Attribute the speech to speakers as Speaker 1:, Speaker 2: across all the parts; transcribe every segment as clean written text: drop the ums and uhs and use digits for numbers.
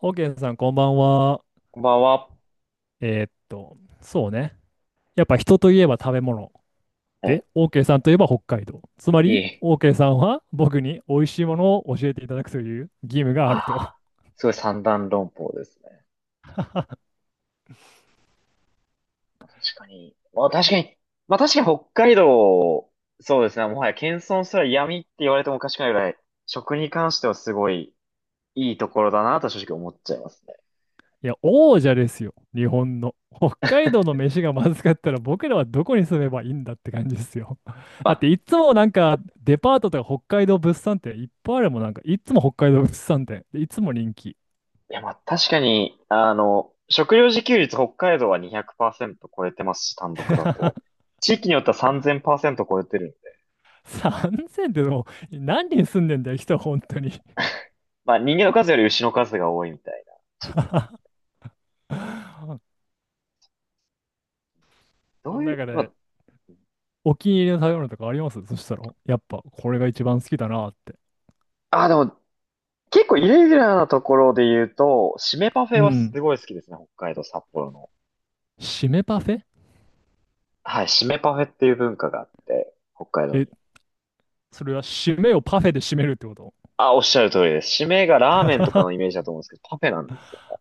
Speaker 1: オーケーさん、こんばんは。
Speaker 2: こんばんは。
Speaker 1: そうね。やっぱ人といえば食べ物。
Speaker 2: い
Speaker 1: で、オーケーさんといえば北海道。つまり、
Speaker 2: い
Speaker 1: オーケーさんは僕に美味しいものを教えていただくという義務が
Speaker 2: あ
Speaker 1: あると。
Speaker 2: あ、すごい三段論法ですね。確かに。まあ確かに。まあ確かに北海道、そうですね。もはや謙遜すら闇って言われてもおかしくないぐらい、食に関してはすごいいいところだなと正直思っちゃいますね。
Speaker 1: いや、王者ですよ。日本の。北海道の飯がまずかったら僕らはどこに住めばいいんだって感じですよ。
Speaker 2: ま
Speaker 1: だって
Speaker 2: あ、
Speaker 1: いつもなんかデパートとか北海道物産展いっぱいあるもん。なんかいつも北海道物産展。でいつも人気。
Speaker 2: いやまあ確かに、食料自給率北海道は200%超えてますし、単独だと。地域によっては3000%超えてるんで。
Speaker 1: 3000ってでも何人住んでんだよ、人本当に。
Speaker 2: まあ人間の数より牛の数が多いみたいな地域もある。ど
Speaker 1: そ
Speaker 2: う
Speaker 1: の
Speaker 2: いう、
Speaker 1: 中
Speaker 2: まあ、
Speaker 1: で、お気に入りの食べ物とかありますそしたら、やっぱこれが一番好きだなって。
Speaker 2: でも、結構イレギュラーなところで言うと、締めパフェ
Speaker 1: う
Speaker 2: はす
Speaker 1: ん。
Speaker 2: ごい好きですね。北海道札幌の。
Speaker 1: 締めパフェ。
Speaker 2: はい、締めパフェっていう文化があって、北海道に。
Speaker 1: え、それは締めをパフェで締めるってこと？
Speaker 2: あ、おっしゃる通りです。締めがラーメンとかのイメー ジだと思うんですけど、パフェなんですよ。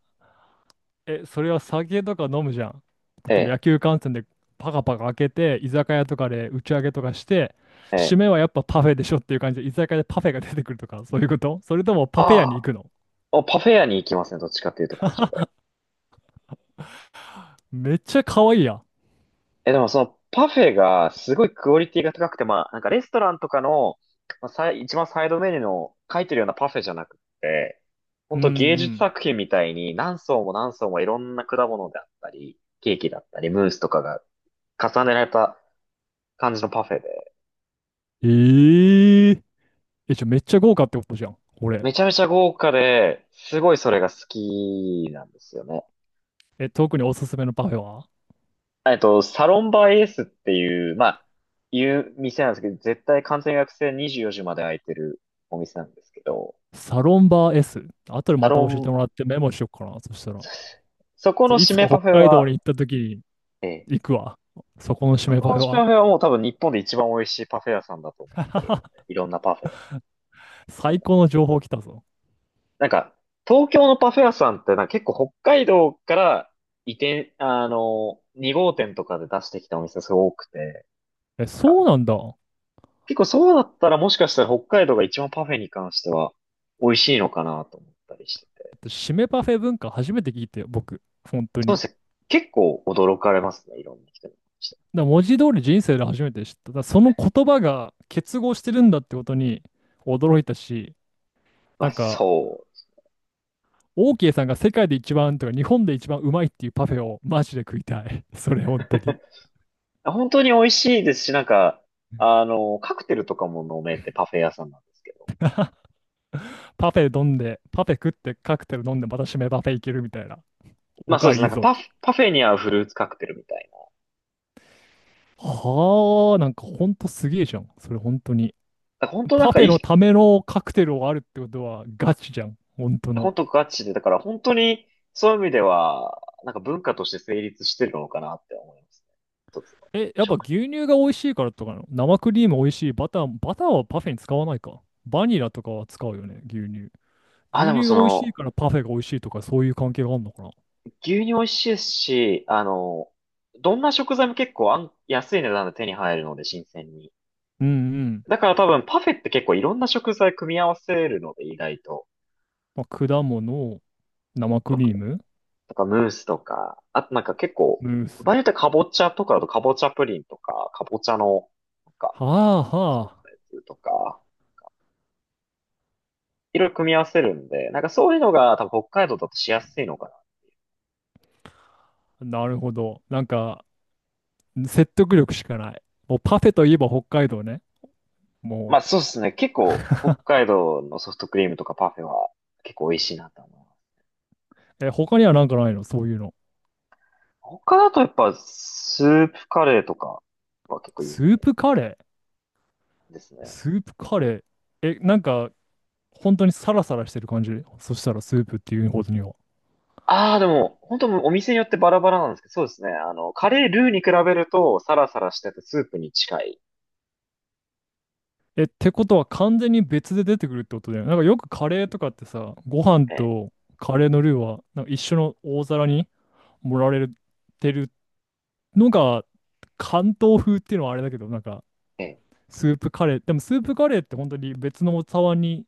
Speaker 1: え、それは酒とか飲むじゃん。例
Speaker 2: え
Speaker 1: えば野
Speaker 2: え、
Speaker 1: 球観戦でパカパカ開けて、居酒屋とかで打ち上げとかして、
Speaker 2: え
Speaker 1: 締
Speaker 2: え。
Speaker 1: めはやっぱパフェでしょっていう感じで、居酒屋でパフェが出てくるとか、そういうことそれともパフェ
Speaker 2: あ
Speaker 1: 屋に行
Speaker 2: あ、
Speaker 1: くの？
Speaker 2: おパフェ屋に行きますね。どっちかっていうと、こうした
Speaker 1: めっちゃ可愛いやん。
Speaker 2: え、でもそのパフェがすごいクオリティが高くて、まあ、なんかレストランとかの、まあ、一番サイドメニューの書いてるようなパフェじゃなくて、ほ
Speaker 1: う
Speaker 2: ん
Speaker 1: んう
Speaker 2: と芸術
Speaker 1: ん。
Speaker 2: 作品みたいに何層も何層もいろんな果物であったり、ケーキだったり、ムースとかが重ねられた感じのパフェで、
Speaker 1: ええー。え、じゃあめっちゃ豪華ってことじゃん。これ。
Speaker 2: めちゃめちゃ豪華で、すごいそれが好きなんですよね。
Speaker 1: え、特におすすめのパフェは？
Speaker 2: サロンバイエースっていう、店なんですけど、絶対完全予約制24時まで開いてるお店なんですけど、
Speaker 1: サロンバー S。後で
Speaker 2: サ
Speaker 1: また
Speaker 2: ロ
Speaker 1: 教えて
Speaker 2: ン
Speaker 1: もらってメモしよっかな。そしたら。
Speaker 2: そこ
Speaker 1: そ
Speaker 2: の
Speaker 1: うい
Speaker 2: 締
Speaker 1: つか
Speaker 2: めパ
Speaker 1: 北
Speaker 2: フェ
Speaker 1: 海道に
Speaker 2: は、
Speaker 1: 行った時
Speaker 2: ええ、
Speaker 1: に行くわ。そこの締
Speaker 2: そ
Speaker 1: めパ
Speaker 2: こ
Speaker 1: フ
Speaker 2: の
Speaker 1: ェ
Speaker 2: 締めパ
Speaker 1: は。
Speaker 2: フェはもう多分日本で一番美味しいパフェ屋さんだと思ってるので いろんなパフェ。
Speaker 1: 最高の情報来たぞ。
Speaker 2: なんか、東京のパフェ屋さんってなんか結構北海道から移転、2号店とかで出してきたお店すごく多くて、
Speaker 1: え、
Speaker 2: なんか、
Speaker 1: そうなんだ。だ
Speaker 2: 結構そうだったらもしかしたら北海道が一番パフェに関しては美味しいのかなと思ったりしてて。
Speaker 1: って締めパフェ文化初めて聞いたよ、僕。本当
Speaker 2: そうで
Speaker 1: に。
Speaker 2: すね。結構驚かれますね、いろんな人に。
Speaker 1: だから文字通り人生で初めて知った。だからその言葉が結合してるんだってことに驚いたし、
Speaker 2: ま
Speaker 1: なん
Speaker 2: あ、
Speaker 1: か、
Speaker 2: そう
Speaker 1: オーケーさんが世界で一番とか日本で一番うまいっていうパフェをマジで食いたい。それ本当に。
Speaker 2: 本当に美味しいですし、なんか、カクテルとかも飲めてパフェ屋さんなんですけど。
Speaker 1: パフェ飲んで、パフェ食ってカクテル飲んでまた締めパフェいけるみたいな。
Speaker 2: ま
Speaker 1: お
Speaker 2: あそ
Speaker 1: か
Speaker 2: う
Speaker 1: わ
Speaker 2: です。
Speaker 1: りい
Speaker 2: なん
Speaker 1: い
Speaker 2: か
Speaker 1: ぞ。
Speaker 2: パフェに合うフルーツカクテルみたいな。だ
Speaker 1: はあ、なんかほんとすげえじゃん。それ本当に。
Speaker 2: から本当なん
Speaker 1: パ
Speaker 2: か
Speaker 1: フ
Speaker 2: い
Speaker 1: ェの
Speaker 2: い、
Speaker 1: ためのカクテルをあるってことはガチじゃん。本当の。
Speaker 2: 本当ガチで、だから本当にそういう意味では、なんか文化として成立してるのかなって思いますね。一つの
Speaker 1: え、やっぱ
Speaker 2: 食。
Speaker 1: 牛乳が美味しいからとかなの？生クリーム美味しい。バター、バターはパフェに使わないか。バニラとかは使うよね、牛乳。
Speaker 2: あ、
Speaker 1: 牛
Speaker 2: でも
Speaker 1: 乳が
Speaker 2: そ
Speaker 1: 美味しい
Speaker 2: の、
Speaker 1: からパフェが美味しいとかそういう関係があるのかな。
Speaker 2: 牛乳美味しいですし、どんな食材も結構安い値段で手に入るので、新鮮に。
Speaker 1: うんうん。
Speaker 2: だから多分パフェって結構いろんな食材組み合わせるので、意外と。
Speaker 1: まあ、果物、生クリーム、
Speaker 2: とかムースとか、あとなんか結構、
Speaker 1: ムース。
Speaker 2: 場合によってはかぼちゃとかだとかぼちゃプリンとか、かぼちゃの、なんか
Speaker 1: はあ
Speaker 2: 作っ
Speaker 1: はあ。
Speaker 2: たやつとか、いろいろ組み合わせるんで、なんかそういうのが多分北海道だとしやすいのかな。
Speaker 1: なるほど。なんか、説得力しかない。もうパフェといえば北海道ね。
Speaker 2: ま
Speaker 1: も
Speaker 2: あそうですね。結構北海道のソフトクリームとかパフェは結構美味しいなと思います。
Speaker 1: う、え、他にはなんかないの、そういうの？
Speaker 2: 他だとやっぱスープカレーとかは結構有
Speaker 1: ス
Speaker 2: 名
Speaker 1: ープカレ
Speaker 2: です
Speaker 1: ー
Speaker 2: ね。
Speaker 1: スープカレー。え、なんか、本当にサラサラしてる感じ？そしたらスープっていうことには。
Speaker 2: ああ、でも本当お店によってバラバラなんですけど、そうですね。カレールーに比べるとサラサラしててスープに近い。
Speaker 1: え、ってことは完全に別で出てくるってことだよね。なんかよくカレーとかってさ、ご飯
Speaker 2: ええ
Speaker 1: とカレーのルーはなんか一緒の大皿に盛られてるのが関東風っていうのはあれだけど、なんか
Speaker 2: ええ
Speaker 1: スープカレー。でもスープカレーって本当に別のお茶碗に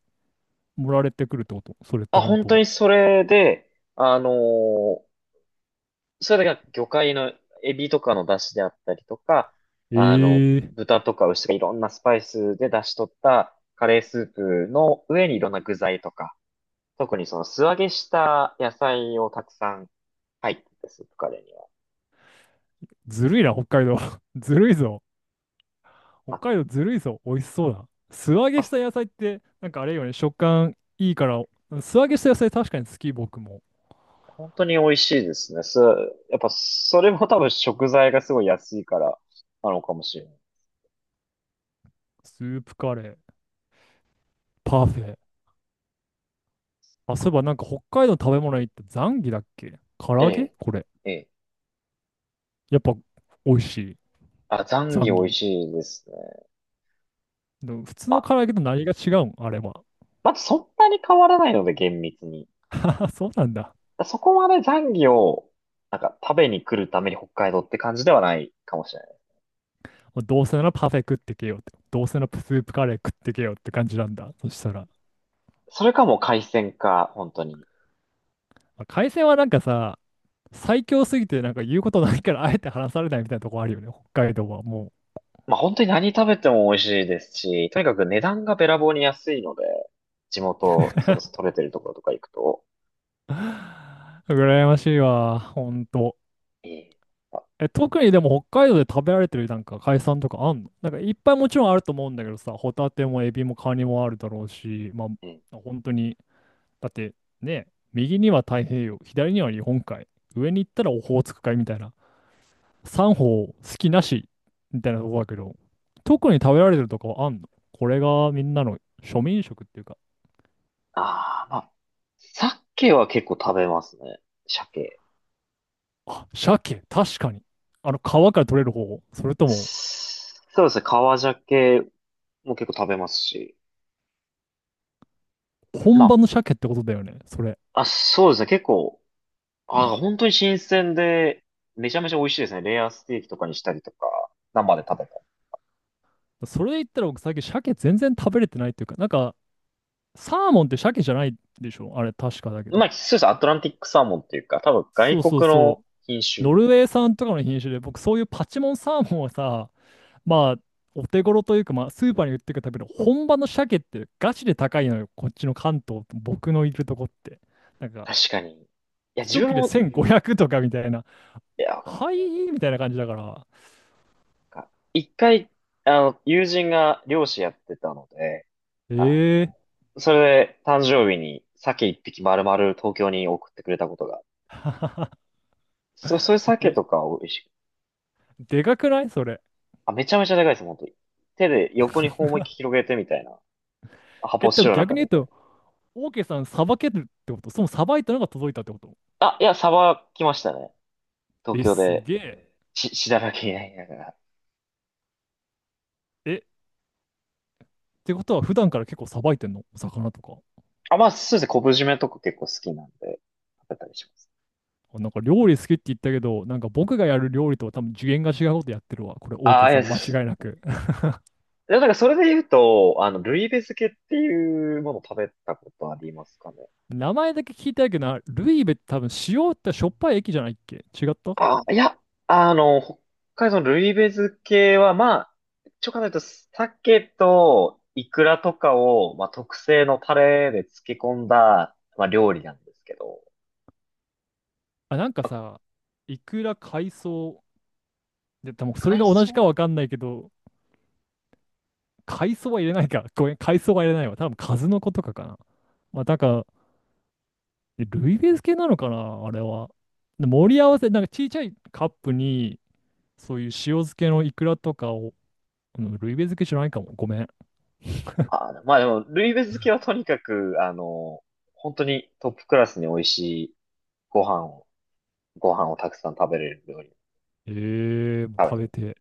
Speaker 1: 盛られてくるってことそれって
Speaker 2: あ、
Speaker 1: 本
Speaker 2: 本当に
Speaker 1: 当？
Speaker 2: それで、あのーそれだけが魚介のエビとかの出汁であったりとか、
Speaker 1: ええー、
Speaker 2: 豚とか牛とかいろんなスパイスで出し取ったカレースープの上にいろんな具材とか、特にその素揚げした野菜をたくさん入ってて、スープカレーには。
Speaker 1: ずるいな、北海道。ずるいぞ。
Speaker 2: ま
Speaker 1: 北
Speaker 2: あ、
Speaker 1: 海道ずるいぞ。美味しそうだ。素揚げ
Speaker 2: ま
Speaker 1: し
Speaker 2: あ
Speaker 1: た野菜って、なんかあれよね、食感いいから、素揚げした野菜確かに好き、僕も。
Speaker 2: 本当に美味しいですね。やっぱそれも多分食材がすごい安いからなのかもしれない。
Speaker 1: スープカレー、パフェ。あ、そういえばなんか北海道の食べ物にってザンギだっけ、唐
Speaker 2: え
Speaker 1: 揚げ
Speaker 2: え、
Speaker 1: これ。
Speaker 2: ええ。
Speaker 1: やっぱ美味しい。
Speaker 2: あ、ザン
Speaker 1: ザ
Speaker 2: ギ
Speaker 1: ン
Speaker 2: 美味
Speaker 1: ギ。
Speaker 2: しいですね。
Speaker 1: でも普通
Speaker 2: ま
Speaker 1: の
Speaker 2: あ
Speaker 1: 唐揚げと何が違うんあれは？
Speaker 2: まあ、そんなに変わらないので、厳密に。
Speaker 1: あ、そうなんだ。
Speaker 2: そこまで残魚を、なんか食べに来るために北海道って感じではないかもしれない。
Speaker 1: もうどうせならパフェ食ってけよって。どうせならスープカレー食ってけよって感じなんだ。そしたら。
Speaker 2: それかもう海鮮か、本当に。
Speaker 1: まあ、海鮮はなんかさ、最強すぎてなんか言うことないからあえて話されないみたいなとこあるよね。北海道はも
Speaker 2: まあ本当に何食べても美味しいですし、とにかく値段がべらぼうに安いので、地元、それこそ取れてるところとか行くと、
Speaker 1: う。羨ましいわ。ほんと。
Speaker 2: いい。あ、
Speaker 1: え、特にでも北海道で食べられてるなんか海鮮とかあんの？なんかいっぱいもちろんあると思うんだけどさ、ホタテもエビもカニもあるだろうし、まあ
Speaker 2: うん。
Speaker 1: 本当に、だってね、右には太平洋、左には日本海、上に行ったらオホーツク海みたいな。三方好きなしみたいなとこだけど、特に食べられてるとかはあんの？これがみんなの庶民食っていうか、
Speaker 2: まあ、鮭は結構食べますね。鮭。
Speaker 1: あ、鮭、確かに。あの、皮から取れる方、それとも、
Speaker 2: そうですね、川鮭も結構食べますし。
Speaker 1: 本
Speaker 2: ま
Speaker 1: 場の鮭ってことだよね、それ。
Speaker 2: あ、あ、そうですね、結構、あ、本当に新鮮で、めちゃめちゃ美味しいですね。レアステーキとかにしたりとか、生で食べた
Speaker 1: それで言ったら僕最近鮭全然食べれてないっていうか、なんか、サーモンって鮭じゃないでしょあれ、確かだけ
Speaker 2: り。ま
Speaker 1: ど。
Speaker 2: あ、そうです。アトランティックサーモンっていうか、多分外
Speaker 1: そう
Speaker 2: 国
Speaker 1: そうそ
Speaker 2: の品
Speaker 1: う。
Speaker 2: 種。
Speaker 1: ノルウェー産とかの品種で、僕そういうパチモンサーモンはさ、まあ、お手頃というか、まあ、スーパーに売ってるための本場の鮭ってガチで高いのよ、こっちの関東、僕のいるとこって。なんか、
Speaker 2: 確かに。いや、自
Speaker 1: 一
Speaker 2: 分
Speaker 1: 切れ
Speaker 2: も、
Speaker 1: 1500とかみたいな、
Speaker 2: いや、わかる
Speaker 1: はいみたいな感じだから。
Speaker 2: なんか一回、友人が漁師やってたので、あの、
Speaker 1: え
Speaker 2: それで誕生日に鮭一匹丸々東京に送ってくれたことが。そう、そういう鮭
Speaker 1: え
Speaker 2: とか美味しい。
Speaker 1: え、でかくないそれ？
Speaker 2: あ、めちゃめちゃでかいです、本当に。手で横に頬思いっきり広げてみたいな。発泡スチロールの
Speaker 1: 逆
Speaker 2: 中
Speaker 1: に言
Speaker 2: で
Speaker 1: うと、オーケーさん、さばけるってこと？そのさばいたのが届いたってこと？
Speaker 2: あ、いや、サバ来ましたね。東
Speaker 1: え、
Speaker 2: 京
Speaker 1: す
Speaker 2: で、
Speaker 1: げえ。
Speaker 2: しだらけになりながら。
Speaker 1: え、ってことは、普段から結構さばいてんのお魚とか？
Speaker 2: あ、まあ、そうですね。昆布締めとか結構好きなんで、食べたりします。
Speaker 1: あなんか料理好きって言ったけど、なんか僕がやる料理とは多分次元が違うことやってるわ。これ、オー
Speaker 2: あ
Speaker 1: ケー
Speaker 2: あ、い
Speaker 1: さ
Speaker 2: や、
Speaker 1: ん、間
Speaker 2: そう
Speaker 1: 違いなく。
Speaker 2: でもなそれで言うと、ルイベ漬けっていうものを食べたことありますかね。
Speaker 1: 名前だけ聞いたけどな、ルイベって多分塩ってしょっぱい駅じゃないっけ？違った？
Speaker 2: あ、いや、北海道のルイベ漬けは、まあ、ちょ応考えると、鮭とイクラとかを、まあ、特製のタレで漬け込んだ、まあ、料理なんですけど、
Speaker 1: あ、なんか
Speaker 2: まあ
Speaker 1: さ、いくら海藻、で、多分それ
Speaker 2: 海
Speaker 1: が同じか
Speaker 2: 藻
Speaker 1: わかんないけど、海藻は入れないか。ごめん、海藻は入れないわ。多分数の子とかかな。まあ、なんか、ルイベース系なのかな、あれは。で盛り合わせ、なんかちいちゃいカップに、そういう塩漬けのイクラとかを、うん、ルイベ漬けじゃないかも。ごめん。
Speaker 2: あ、まあでも、ルイベ漬けはとにかく、本当にトップクラスに美味しいご飯を、たくさん食べれる料理、
Speaker 1: ええ、もう
Speaker 2: 食べ
Speaker 1: 食
Speaker 2: て
Speaker 1: べ
Speaker 2: みて。
Speaker 1: て、